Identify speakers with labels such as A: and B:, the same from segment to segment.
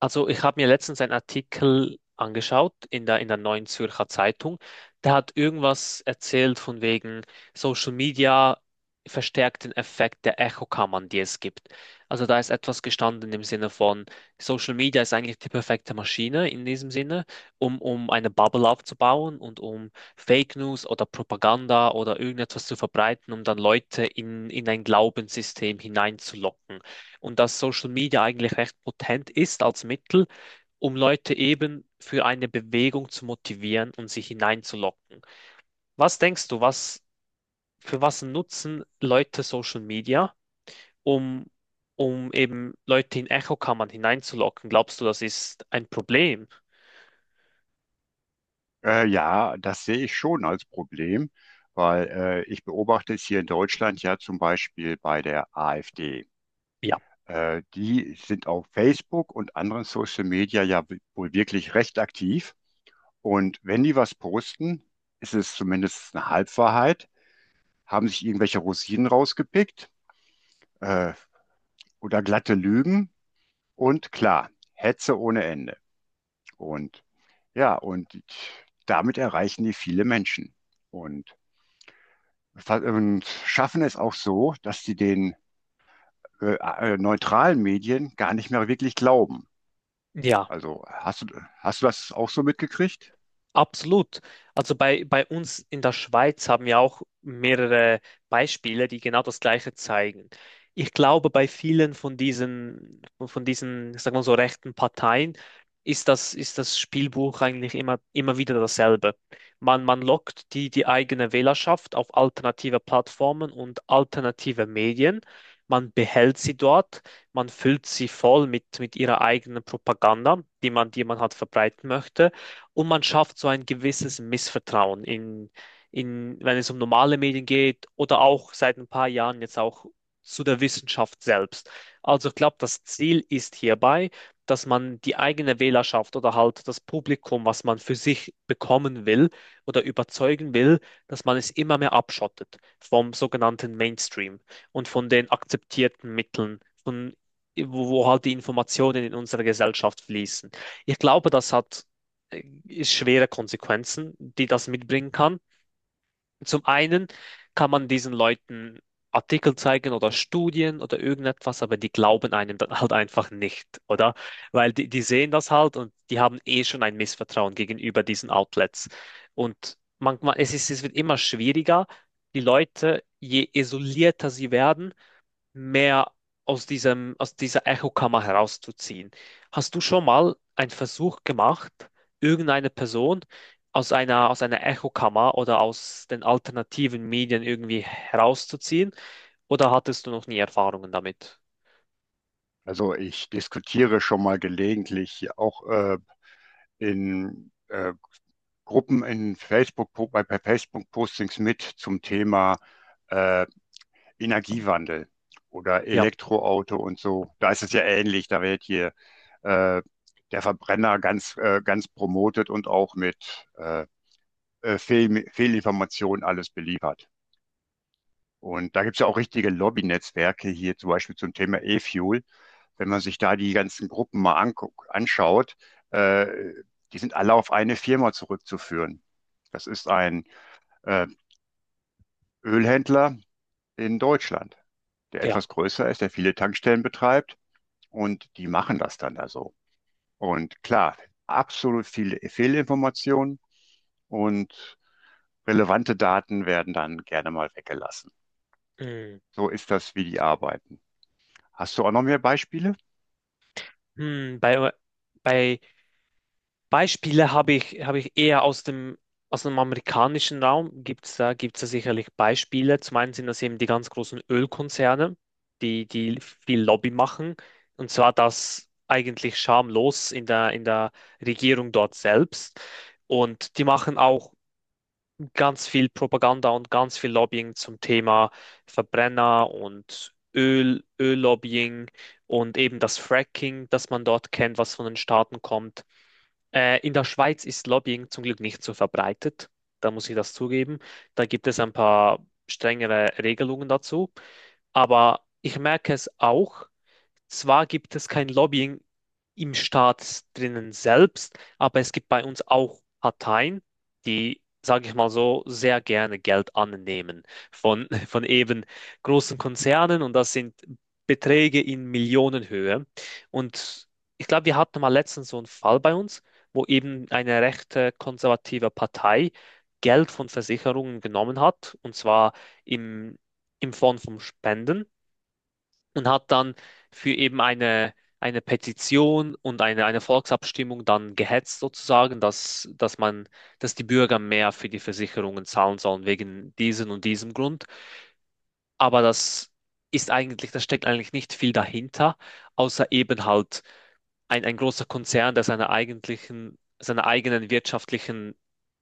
A: Also ich habe mir letztens einen Artikel angeschaut in der Neuen Zürcher Zeitung. Der hat irgendwas erzählt von wegen Social Media verstärkt den Effekt der Echokammern, die es gibt. Also da ist etwas gestanden im Sinne von: Social Media ist eigentlich die perfekte Maschine in diesem Sinne, um eine Bubble aufzubauen und um Fake News oder Propaganda oder irgendetwas zu verbreiten, um dann Leute in ein Glaubenssystem hineinzulocken, und dass Social Media eigentlich recht potent ist als Mittel, um Leute eben für eine Bewegung zu motivieren und sie hineinzulocken. Was denkst du, für was nutzen Leute Social Media, um, um eben Leute in Echokammern hineinzulocken? Glaubst du, das ist ein Problem?
B: Ja, das sehe ich schon als Problem, weil ich beobachte es hier in Deutschland ja zum Beispiel bei der AfD.
A: Ja.
B: Die sind auf Facebook und anderen Social Media ja wohl wirklich recht aktiv. Und wenn die was posten, ist es zumindest eine Halbwahrheit, haben sich irgendwelche Rosinen rausgepickt, äh, oder glatte Lügen, und klar, Hetze ohne Ende. Und ja, und damit erreichen die viele Menschen. Und und schaffen es auch so, dass sie den neutralen Medien gar nicht mehr wirklich glauben.
A: Ja.
B: Also hast du das auch so mitgekriegt?
A: Absolut. Also bei uns in der Schweiz haben wir auch mehrere Beispiele, die genau das Gleiche zeigen. Ich glaube, bei vielen von diesen, sagen wir so, rechten Parteien ist das Spielbuch eigentlich immer wieder dasselbe. Man lockt die eigene Wählerschaft auf alternative Plattformen und alternative Medien. Man behält sie dort, man füllt sie voll mit ihrer eigenen Propaganda, die man halt verbreiten möchte, und man schafft so ein gewisses Missvertrauen in, wenn es um normale Medien geht, oder auch seit ein paar Jahren jetzt auch zu der Wissenschaft selbst. Also ich glaube, das Ziel ist hierbei, dass man die eigene Wählerschaft oder halt das Publikum, was man für sich bekommen will oder überzeugen will, dass man es immer mehr abschottet vom sogenannten Mainstream und von den akzeptierten Mitteln, von wo halt die Informationen in unsere Gesellschaft fließen. Ich glaube, das hat ist schwere Konsequenzen, die das mitbringen kann. Zum einen kann man diesen Leuten Artikel zeigen oder Studien oder irgendetwas, aber die glauben einem dann halt einfach nicht, oder? Weil die sehen das halt und die haben eh schon ein Missvertrauen gegenüber diesen Outlets. Und manchmal, es wird immer schwieriger, die Leute, je isolierter sie werden, mehr aus aus dieser Echokammer herauszuziehen. Hast du schon mal einen Versuch gemacht, irgendeine Person aus aus einer Echokammer oder aus den alternativen Medien irgendwie herauszuziehen? Oder hattest du noch nie Erfahrungen damit?
B: Also ich diskutiere schon mal gelegentlich auch in Gruppen in Facebook, bei Facebook-Postings mit zum Thema äh, Energiewandel oder
A: Ja,
B: Elektroauto und so. Da ist es ja ähnlich, da wird hier äh, der Verbrenner ganz promotet und auch mit Fehlinformationen alles beliefert. Und da gibt es ja auch richtige Lobby Netzwerke hier zum Beispiel zum Thema E-Fuel. Wenn man sich da die ganzen Gruppen mal anschaut, äh, die sind alle auf eine Firma zurückzuführen. Das ist ein äh, Ölhändler in Deutschland, der
A: ja.
B: etwas größer ist, der viele Tankstellen betreibt und die machen das dann da so. Und klar, absolut viele Fehlinformationen und relevante Daten werden dann gerne mal weggelassen.
A: Hm.
B: So ist das, wie die arbeiten. Hast du auch noch mehr Beispiele?
A: Hm, bei Beispiele habe ich eher aus aus dem amerikanischen Raum. Gibt es gibt's da sicherlich Beispiele. Zum einen sind das eben die ganz großen Ölkonzerne, die viel Lobby machen. Und zwar das eigentlich schamlos in der Regierung dort selbst. Und die machen auch ganz viel Propaganda und ganz viel Lobbying zum Thema Verbrenner und Öl, Öllobbying und eben das Fracking, das man dort kennt, was von den Staaten kommt. In der Schweiz ist Lobbying zum Glück nicht so verbreitet. Da muss ich das zugeben. Da gibt es ein paar strengere Regelungen dazu. Aber ich merke es auch. Zwar gibt es kein Lobbying im Staat drinnen selbst, aber es gibt bei uns auch Parteien, die, sage ich mal so, sehr gerne Geld annehmen von eben großen Konzernen, und das sind Beträge in Millionenhöhe. Und ich glaube, wir hatten mal letztens so einen Fall bei uns, wo eben eine rechte konservative Partei Geld von Versicherungen genommen hat, und zwar im, im Form von Spenden, und hat dann für eben eine Petition und eine Volksabstimmung dann gehetzt sozusagen, dass man, dass die Bürger mehr für die Versicherungen zahlen sollen wegen diesem und diesem Grund. Aber da steckt eigentlich nicht viel dahinter, außer eben halt ein großer Konzern, der seine eigentlichen, seine eigenen wirtschaftlichen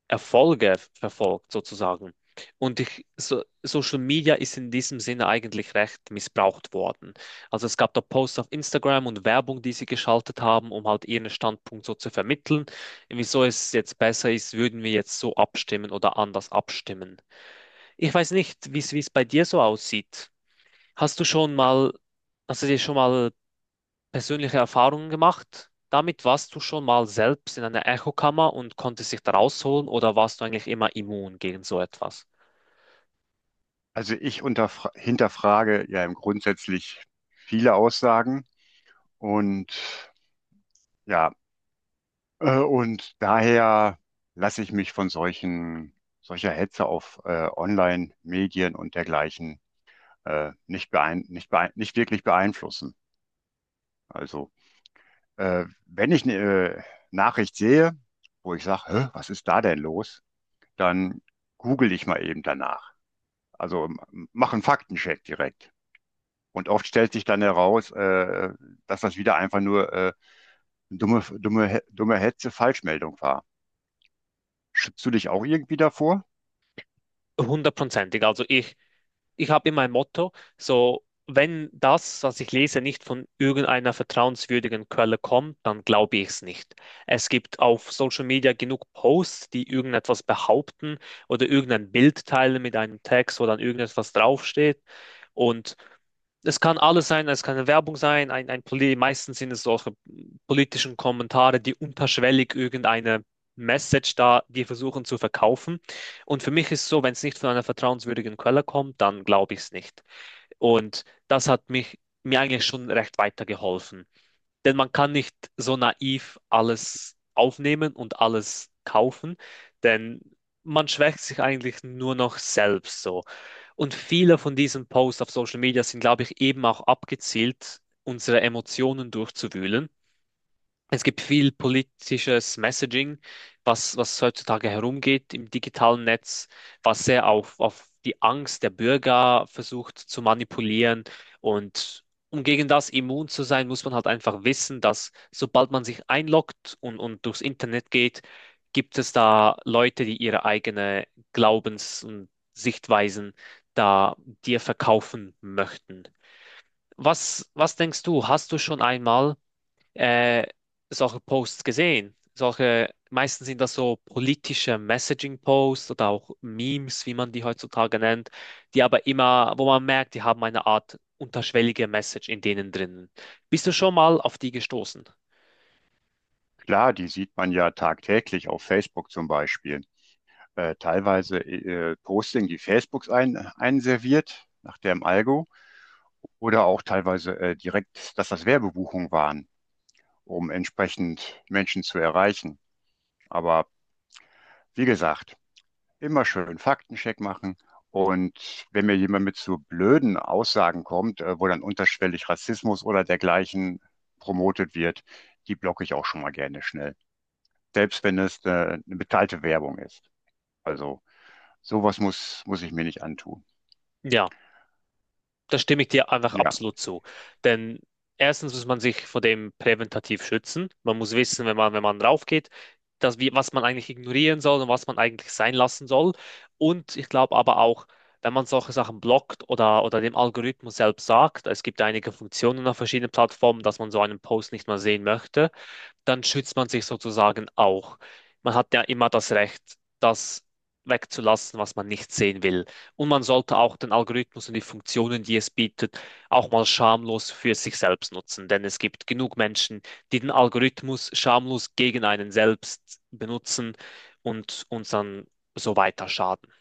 A: Erfolge verfolgt, sozusagen. Und ich, so, Social Media ist in diesem Sinne eigentlich recht missbraucht worden. Also es gab da Posts auf Instagram und Werbung, die sie geschaltet haben, um halt ihren Standpunkt so zu vermitteln. Wieso es jetzt besser ist, würden wir jetzt so abstimmen oder anders abstimmen. Ich weiß nicht, wie es bei dir so aussieht. Hast du schon mal, hast du dir schon mal persönliche Erfahrungen gemacht damit? Warst du schon mal selbst in einer Echokammer und konntest dich da rausholen, oder warst du eigentlich immer immun gegen so etwas?
B: Also ich hinterfrage ja im grundsätzlich viele Aussagen und ja, und daher lasse ich mich von solcher Hetze auf Online-Medien und dergleichen nicht beein nicht beein nicht wirklich beeinflussen. Also wenn ich eine äh, Nachricht sehe, wo ich sage, was ist da denn los, dann google ich mal eben danach. Also mach einen Faktencheck direkt. Und oft stellt sich dann heraus, dass das wieder einfach nur dumme Hetze, Falschmeldung war. Schützt du dich auch irgendwie davor?
A: Hundertprozentig. Also ich habe immer ein Motto, so wenn das, was ich lese, nicht von irgendeiner vertrauenswürdigen Quelle kommt, dann glaube ich es nicht. Es gibt auf Social Media genug Posts, die irgendetwas behaupten oder irgendein Bild teilen mit einem Text, wo dann irgendetwas draufsteht. Und es kann alles sein, es kann eine Werbung sein, meistens sind es solche politischen Kommentare, die unterschwellig irgendeine Message da, die versuchen zu verkaufen. Und für mich ist es so, wenn es nicht von einer vertrauenswürdigen Quelle kommt, dann glaube ich es nicht. Und das hat mich mir eigentlich schon recht weitergeholfen. Denn man kann nicht so naiv alles aufnehmen und alles kaufen, denn man schwächt sich eigentlich nur noch selbst so. Und viele von diesen Posts auf Social Media sind, glaube ich, eben auch abgezielt, unsere Emotionen durchzuwühlen. Es gibt viel politisches Messaging, was heutzutage herumgeht im digitalen Netz, was sehr auf die Angst der Bürger versucht zu manipulieren. Und um gegen das immun zu sein, muss man halt einfach wissen, dass sobald man sich einloggt und durchs Internet geht, gibt es da Leute, die ihre eigene Glaubens- und Sichtweisen da dir verkaufen möchten. Was denkst du? Hast du schon einmal äh, solche Posts gesehen? Solche, meistens sind das so politische Messaging-Posts oder auch Memes, wie man die heutzutage nennt, die aber immer, wo man merkt, die haben eine Art unterschwellige Message in denen drinnen. Bist du schon mal auf die gestoßen?
B: Klar, die sieht man ja tagtäglich auf Facebook zum Beispiel. Teilweise Posting, die Facebooks einserviert nach dem Algo, oder auch teilweise direkt, dass das Werbebuchungen waren, um entsprechend Menschen zu erreichen. Aber wie gesagt, immer schön Faktencheck machen. Und wenn mir jemand mit so blöden Aussagen kommt, wo dann unterschwellig Rassismus oder dergleichen promotet wird, die blocke ich auch schon mal gerne schnell. Selbst wenn es eine bezahlte Werbung ist. Also sowas muss ich mir nicht antun.
A: Ja. Da stimme ich dir einfach
B: Ja.
A: absolut zu. Denn erstens muss man sich vor dem präventativ schützen. Man muss wissen, wenn man raufgeht, dass wir, was man eigentlich ignorieren soll und was man eigentlich sein lassen soll. Und ich glaube aber auch, wenn man solche Sachen blockt oder dem Algorithmus selbst sagt, es gibt einige Funktionen auf verschiedenen Plattformen, dass man so einen Post nicht mehr sehen möchte, dann schützt man sich sozusagen auch. Man hat ja immer das Recht, das wegzulassen, was man nicht sehen will. Und man sollte auch den Algorithmus und die Funktionen, die es bietet, auch mal schamlos für sich selbst nutzen. Denn es gibt genug Menschen, die den Algorithmus schamlos gegen einen selbst benutzen und uns dann so weiter schaden.